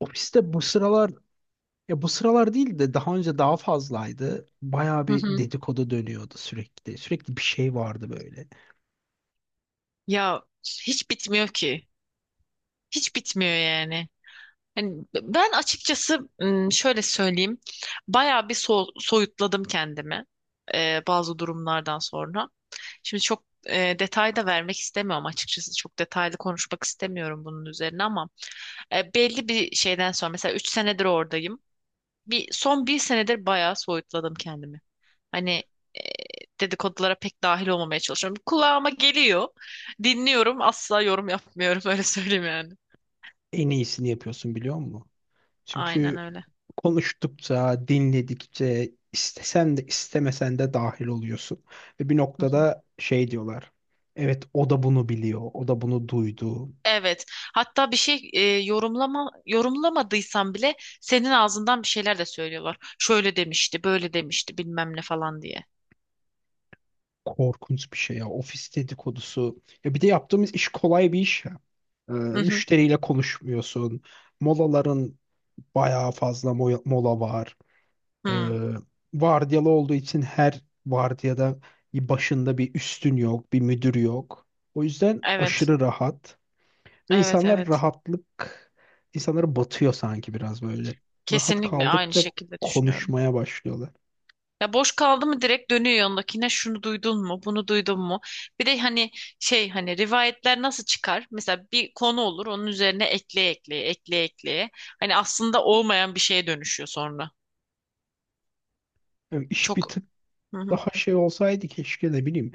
Ofiste bu sıralar ya bu sıralar değil de daha önce daha fazlaydı. Bayağı Hı bir hı. dedikodu dönüyordu sürekli. Sürekli bir şey vardı böyle. Ya hiç bitmiyor ki. Hiç bitmiyor yani. Hani ben açıkçası şöyle söyleyeyim. Bayağı bir soyutladım kendimi, bazı durumlardan sonra. Şimdi çok, detay da vermek istemiyorum açıkçası. Çok detaylı konuşmak istemiyorum bunun üzerine ama, belli bir şeyden sonra mesela 3 senedir oradayım. Bir son bir senedir bayağı soyutladım kendimi. Hani e, dedikodulara pek dahil olmamaya çalışıyorum. Kulağıma geliyor. Dinliyorum. Asla yorum yapmıyorum. Öyle söyleyeyim yani. En iyisini yapıyorsun, biliyor musun? Aynen Çünkü öyle. konuştukça, dinledikçe istesen de istemesen de dahil oluyorsun. Ve bir Hı hı. noktada şey diyorlar. Evet, o da bunu biliyor. O da bunu duydu. Evet. Hatta bir şey yorumlamadıysam bile senin ağzından bir şeyler de söylüyorlar. Şöyle demişti, böyle demişti, bilmem ne falan diye. Korkunç bir şey ya. Ofis dedikodusu. Ya bir de yaptığımız iş kolay bir iş ya. Hı hı. Müşteriyle konuşmuyorsun. Molaların bayağı fazla mola var. Ee, Hı. Vardiyalı olduğu için her vardiyada bir başında bir üstün yok, bir müdür yok. O yüzden Evet. aşırı rahat ve Evet, insanlar evet. rahatlık insanlara batıyor sanki biraz böyle. Rahat Kesinlikle aynı kaldıkça şekilde düşünüyorum. konuşmaya başlıyorlar. Ya boş kaldı mı direkt dönüyor yanındakine, şunu duydun mu, bunu duydun mu? Bir de hani hani rivayetler nasıl çıkar? Mesela bir konu olur, onun üzerine ekleye ekleye ekleye ekleye. Hani aslında olmayan bir şeye dönüşüyor sonra. Yani iş bir Çok tık hı hı. daha şey olsaydı keşke, ne bileyim.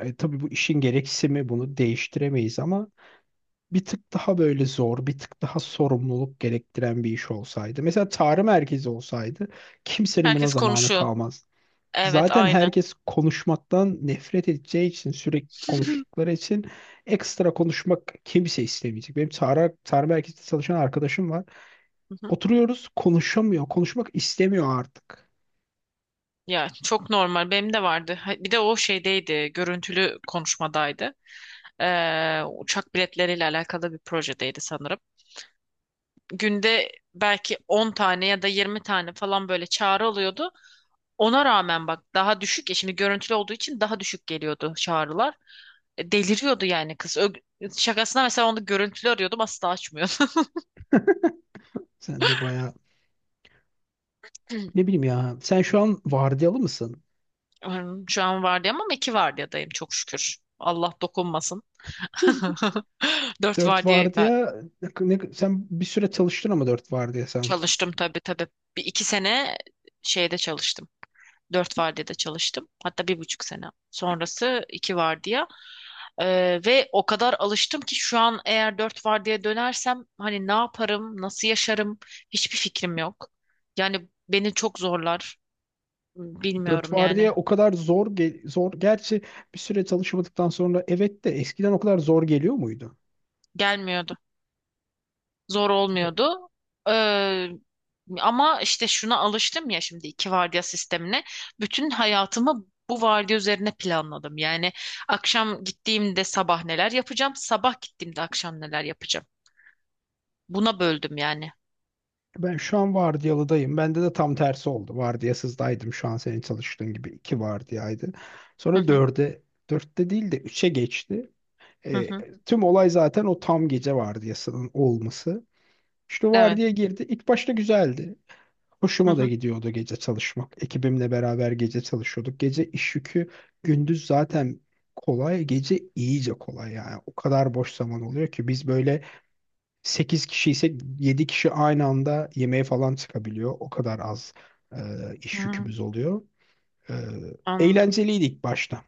Tabii bu işin gereksimi, bunu değiştiremeyiz ama bir tık daha böyle zor, bir tık daha sorumluluk gerektiren bir iş olsaydı. Mesela tarih merkezi olsaydı, kimsenin buna Herkes zamanı konuşuyor. kalmaz. Evet Zaten aynı. herkes konuşmaktan nefret edeceği için, sürekli konuştukları için ekstra konuşmak kimse istemeyecek. Benim tarih, tarih merkezinde çalışan arkadaşım var. Hı hı. Oturuyoruz, konuşamıyor, konuşmak istemiyor artık. Ya çok normal, benim de vardı. Bir de o şeydeydi, görüntülü konuşmadaydı. Uçak biletleriyle alakalı bir projedeydi sanırım. Günde belki 10 tane ya da 20 tane falan böyle çağrı alıyordu. Ona rağmen bak daha düşük, ya şimdi görüntülü olduğu için daha düşük geliyordu çağrılar. Deliriyordu yani kız. Şakasına mesela onu görüntülü arıyordum, asla açmıyordu. Sen de bayağı, ne bileyim ya. Sen şu an vardiyalı mısın? Hmm, şu an vardiyam ama iki vardiyadayım, çok şükür. Allah dokunmasın. Dört Dört vardiya ben vardiya sen bir süre çalıştın ama dört vardiya sanki. çalıştım, tabii tabii. 1 2 sene şeyde çalıştım. Dört vardiyada çalıştım. Hatta 1,5 sene. Sonrası iki vardiya. Ve o kadar alıştım ki şu an eğer dört vardiya dönersem hani ne yaparım, nasıl yaşarım, hiçbir fikrim yok. Yani beni çok zorlar. Dört Bilmiyorum yani. vardiya o kadar zor zor, gerçi bir süre çalışmadıktan sonra evet, de eskiden o kadar zor geliyor muydu? Gelmiyordu. Zor Çünkü olmuyordu. Ee, Ama işte şuna alıştım ya, şimdi iki vardiya sistemine. Bütün hayatımı bu vardiya üzerine planladım. Yani akşam gittiğimde sabah neler yapacağım, sabah gittiğimde akşam neler yapacağım. Buna böldüm yani. ben şu an vardiyalıdayım. Bende de tam tersi oldu. Vardiyasızdaydım, şu an senin çalıştığın gibi iki vardiyaydı. Hı Sonra hı, dörde, dörtte değil de üçe geçti. hı E, hı, Tüm olay zaten o tam gece vardiyasının olması. İşte evet. vardiya girdi. İlk başta güzeldi. Hı Hoşuma da hı, gidiyordu gece çalışmak. Ekibimle beraber gece çalışıyorduk. Gece iş yükü, gündüz zaten kolay, gece iyice kolay yani. O kadar boş zaman oluyor ki biz böyle 8 kişi ise 7 kişi aynı anda yemeğe falan çıkabiliyor. O kadar az e, hı iş hı, yükümüz oluyor. E, anladım. Eğlenceliydi ilk başta.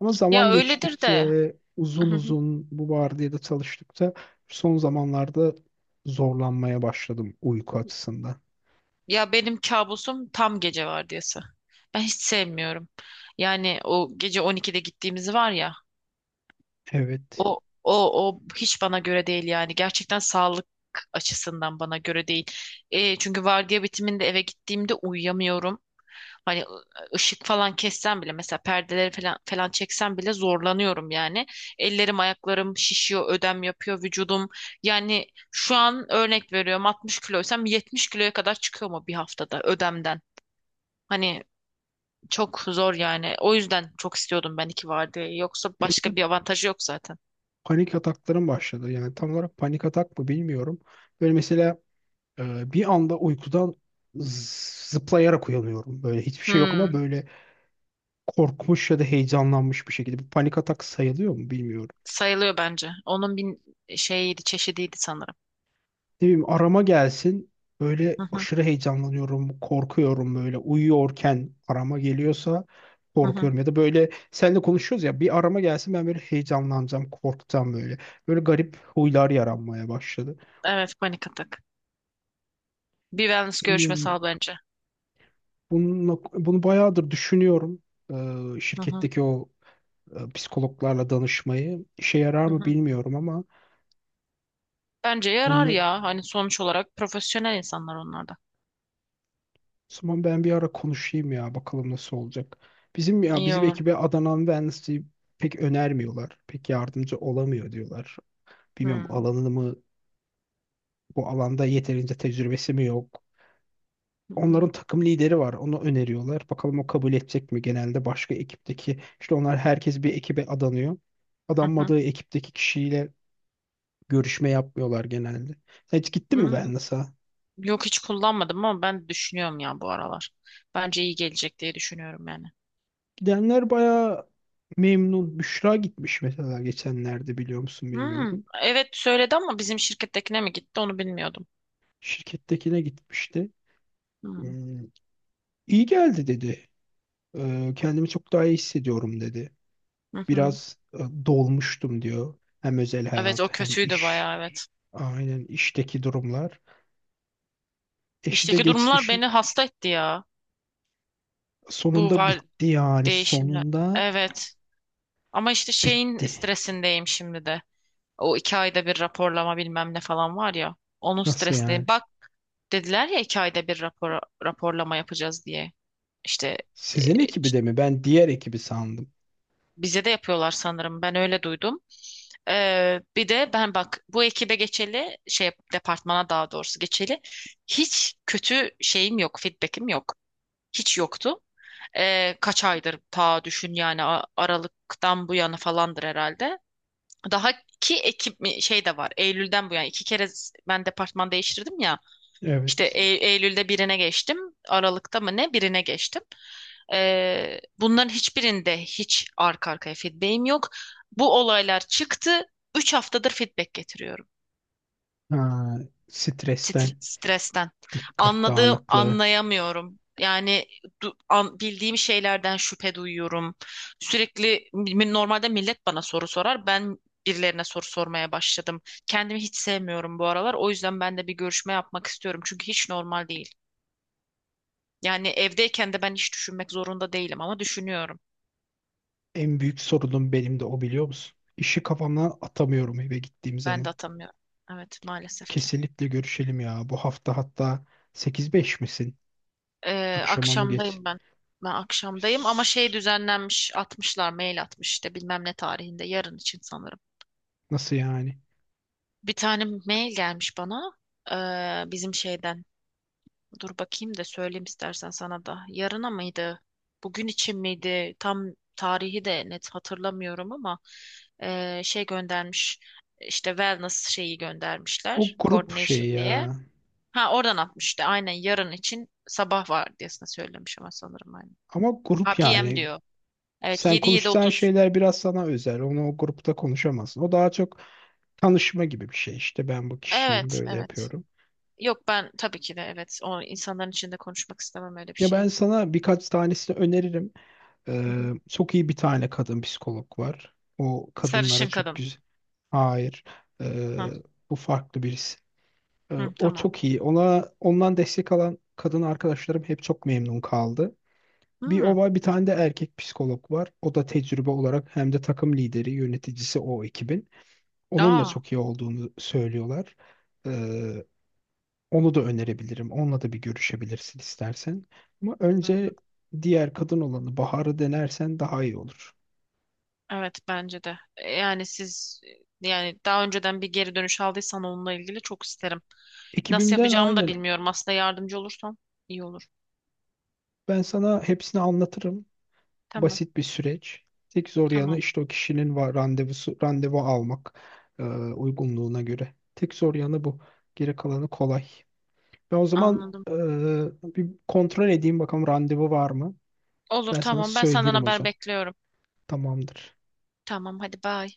Ama Ya zaman öyledir de. geçtikçe, Hı uzun hı. uzun bu vardiyada çalıştıkça, son zamanlarda zorlanmaya başladım uyku açısından. Ya benim kabusum tam gece vardiyası. Ben hiç sevmiyorum. Yani o gece 12'de gittiğimiz var ya. Evet. O o O hiç bana göre değil yani. Gerçekten sağlık açısından bana göre değil. E, çünkü vardiya bitiminde eve gittiğimde uyuyamıyorum. Hani ışık falan kessem bile, mesela perdeleri falan çeksem bile zorlanıyorum yani. Ellerim, ayaklarım şişiyor, ödem yapıyor vücudum. Yani şu an örnek veriyorum, 60 kiloysam 70 kiloya kadar çıkıyor mu bir haftada ödemden? Hani çok zor yani. O yüzden çok istiyordum ben iki vardiyayı. Yoksa Benim de başka bir avantajı yok zaten. panik ataklarım başladı. Yani tam olarak panik atak mı, bilmiyorum. Böyle mesela bir anda uykudan zıplayarak uyanıyorum. Böyle hiçbir şey yok ama Hmm. böyle korkmuş ya da heyecanlanmış bir şekilde. Bu panik atak sayılıyor mu, bilmiyorum. Sayılıyor bence. Onun bir şeyiydi, çeşidiydi sanırım. Ne bileyim, arama gelsin. Böyle Hı hı, aşırı heyecanlanıyorum, korkuyorum, böyle uyuyorken arama geliyorsa hı hı. korkuyorum ya da böyle seninle konuşuyoruz ya, bir arama gelsin, ben böyle heyecanlanacağım, korkacağım böyle. Böyle garip huylar yaranmaya başladı. Evet, panik atak. Bir wellness görüşmesi Bilmiyorum, al bence. bununla, bunu bayağıdır düşünüyorum. Hı hı, Şirketteki o psikologlarla danışmayı. İşe yarar hı mı hı. bilmiyorum ama Bence yarar bununla o ya. Hani sonuç olarak profesyonel insanlar onlar da. zaman ben bir ara konuşayım ya, bakalım nasıl olacak. Bizim, ya İyi bizim olur. ekibe Adana Wednesday pek önermiyorlar. Pek yardımcı olamıyor diyorlar. Hı Bilmiyorum, hı, alanını mı, bu alanda yeterince tecrübesi mi yok. hı hı, Onların takım lideri var. Onu öneriyorlar. Bakalım o kabul edecek mi? Genelde başka ekipteki, işte onlar herkes bir ekibe adanıyor, hı. adanmadığı ekipteki kişiyle görüşme yapmıyorlar genelde. Sen hiç gittin mi Hı. Wellness'a? Yok, hiç kullanmadım ama ben düşünüyorum ya bu aralar. Bence iyi gelecek diye düşünüyorum yani. Gidenler bayağı memnun. Büşra gitmiş mesela geçenlerde, biliyor musun Hı. bilmiyorum. Evet söyledi ama bizim şirkettekine mi gitti onu bilmiyordum. Şirkettekine gitmişti. Hı Hmm, İyi geldi dedi. Kendimi çok daha iyi hissediyorum dedi. hı. Hı. Biraz dolmuştum diyor. Hem özel Evet hayat o hem kötüydü iş. bayağı, evet. Aynen, işteki durumlar. Eşi de İşteki geçti durumlar işi. beni hasta etti ya. Bu Sonunda var bitti yani. değişimler. Sonunda Evet. Ama işte şeyin bitti. stresindeyim şimdi de. O iki ayda bir raporlama bilmem ne falan var ya. Onun Nasıl stresindeyim. yani? Bak dediler ya, iki ayda bir raporlama yapacağız diye. İşte e, Sizin ekibi ç- de mi? Ben diğer ekibi sandım. bize de yapıyorlar sanırım. Ben öyle duydum. Bir de ben bak, bu ekibe geçeli, şey departmana daha doğrusu geçeli, hiç kötü şeyim yok, feedback'im yok. Hiç yoktu. Kaç aydır, ta düşün yani, Aralık'tan bu yana falandır herhalde. Daha şey de var. Eylül'den bu yana iki kere, ben departman değiştirdim ya. İşte Evet. Eylül'de birine geçtim. Aralık'ta mı ne birine geçtim. Bunların hiçbirinde hiç arka arkaya feedback'im yok. Bu olaylar çıktı. 3 haftadır feedback getiriyorum. Ha, stresten, Stresten. dikkat Anladığım, dağınıklığı. anlayamıyorum. Yani bildiğim şeylerden şüphe duyuyorum. Sürekli normalde millet bana soru sorar. Ben birilerine soru sormaya başladım. Kendimi hiç sevmiyorum bu aralar. O yüzden ben de bir görüşme yapmak istiyorum. Çünkü hiç normal değil. Yani evdeyken de ben hiç düşünmek zorunda değilim ama düşünüyorum. En büyük sorunum benim de o, biliyor musun? İşi kafamdan atamıyorum eve gittiğim Ben zaman. de atamıyorum. Evet, maalesef ki. Kesinlikle görüşelim ya. Bu hafta hatta, 8-5 misin? Akşama mı geç? Akşamdayım ben. Ben akşamdayım ama şey Biz- düzenlenmiş, atmışlar, mail atmış, işte bilmem ne tarihinde, yarın için sanırım. nasıl yani? Bir tane mail gelmiş bana bizim şeyden. Dur bakayım da söyleyeyim istersen sana da. Yarına mıydı? Bugün için miydi? Tam tarihi de net hatırlamıyorum ama şey göndermiş. İşte wellness şeyi O göndermişler. grup Coordination şeyi diye. ya. Ha oradan atmış işte. Aynen yarın için sabah vardiyasına söylemiş ama sanırım, aynen. Ama Ha grup PM yani. diyor. Evet, Sen yedi yedi konuşacağın otuz. şeyler biraz sana özel. Onu o grupta konuşamazsın. O daha çok tanışma gibi bir şey. İşte ben bu kişiyim, Evet böyle evet. yapıyorum. Yok ben tabii ki de, evet. O insanların içinde konuşmak istemem öyle bir Ya ben şeyi. sana birkaç tanesini öneririm. Hı hı. Çok iyi bir tane kadın psikolog var. O kadınlara Sarışın çok kadın. güzel. Hayır. Ee, Hı, Bu farklı birisi. Hı, O tamam. çok iyi. Ona, ondan destek alan kadın arkadaşlarım hep çok memnun kaldı. Bir o Hı. var, bir tane de erkek psikolog var. O da tecrübe olarak hem de takım lideri, yöneticisi o ekibin. Onun da Aa. çok iyi olduğunu söylüyorlar. Ee, Onu da önerebilirim. Onunla da bir görüşebilirsin istersen. Ama Hı hı. önce diğer kadın olanı Bahar'ı denersen daha iyi olur. Evet bence de. E, yani siz, yani daha önceden bir geri dönüş aldıysan onunla ilgili çok isterim. Nasıl Ekibimden, yapacağımı da aynen. bilmiyorum. Aslında yardımcı olursan iyi olur. Ben sana hepsini anlatırım. Tamam. Basit bir süreç. Tek zor yanı Tamam. işte o kişinin var randevusu, randevu almak uygunluğuna göre. Tek zor yanı bu. Geri kalanı kolay. Ben o zaman Anladım. Bir kontrol edeyim bakalım randevu var mı? Olur, Ben sana tamam. Ben senden söylerim o haber zaman. bekliyorum. Tamamdır. Tamam hadi, bye.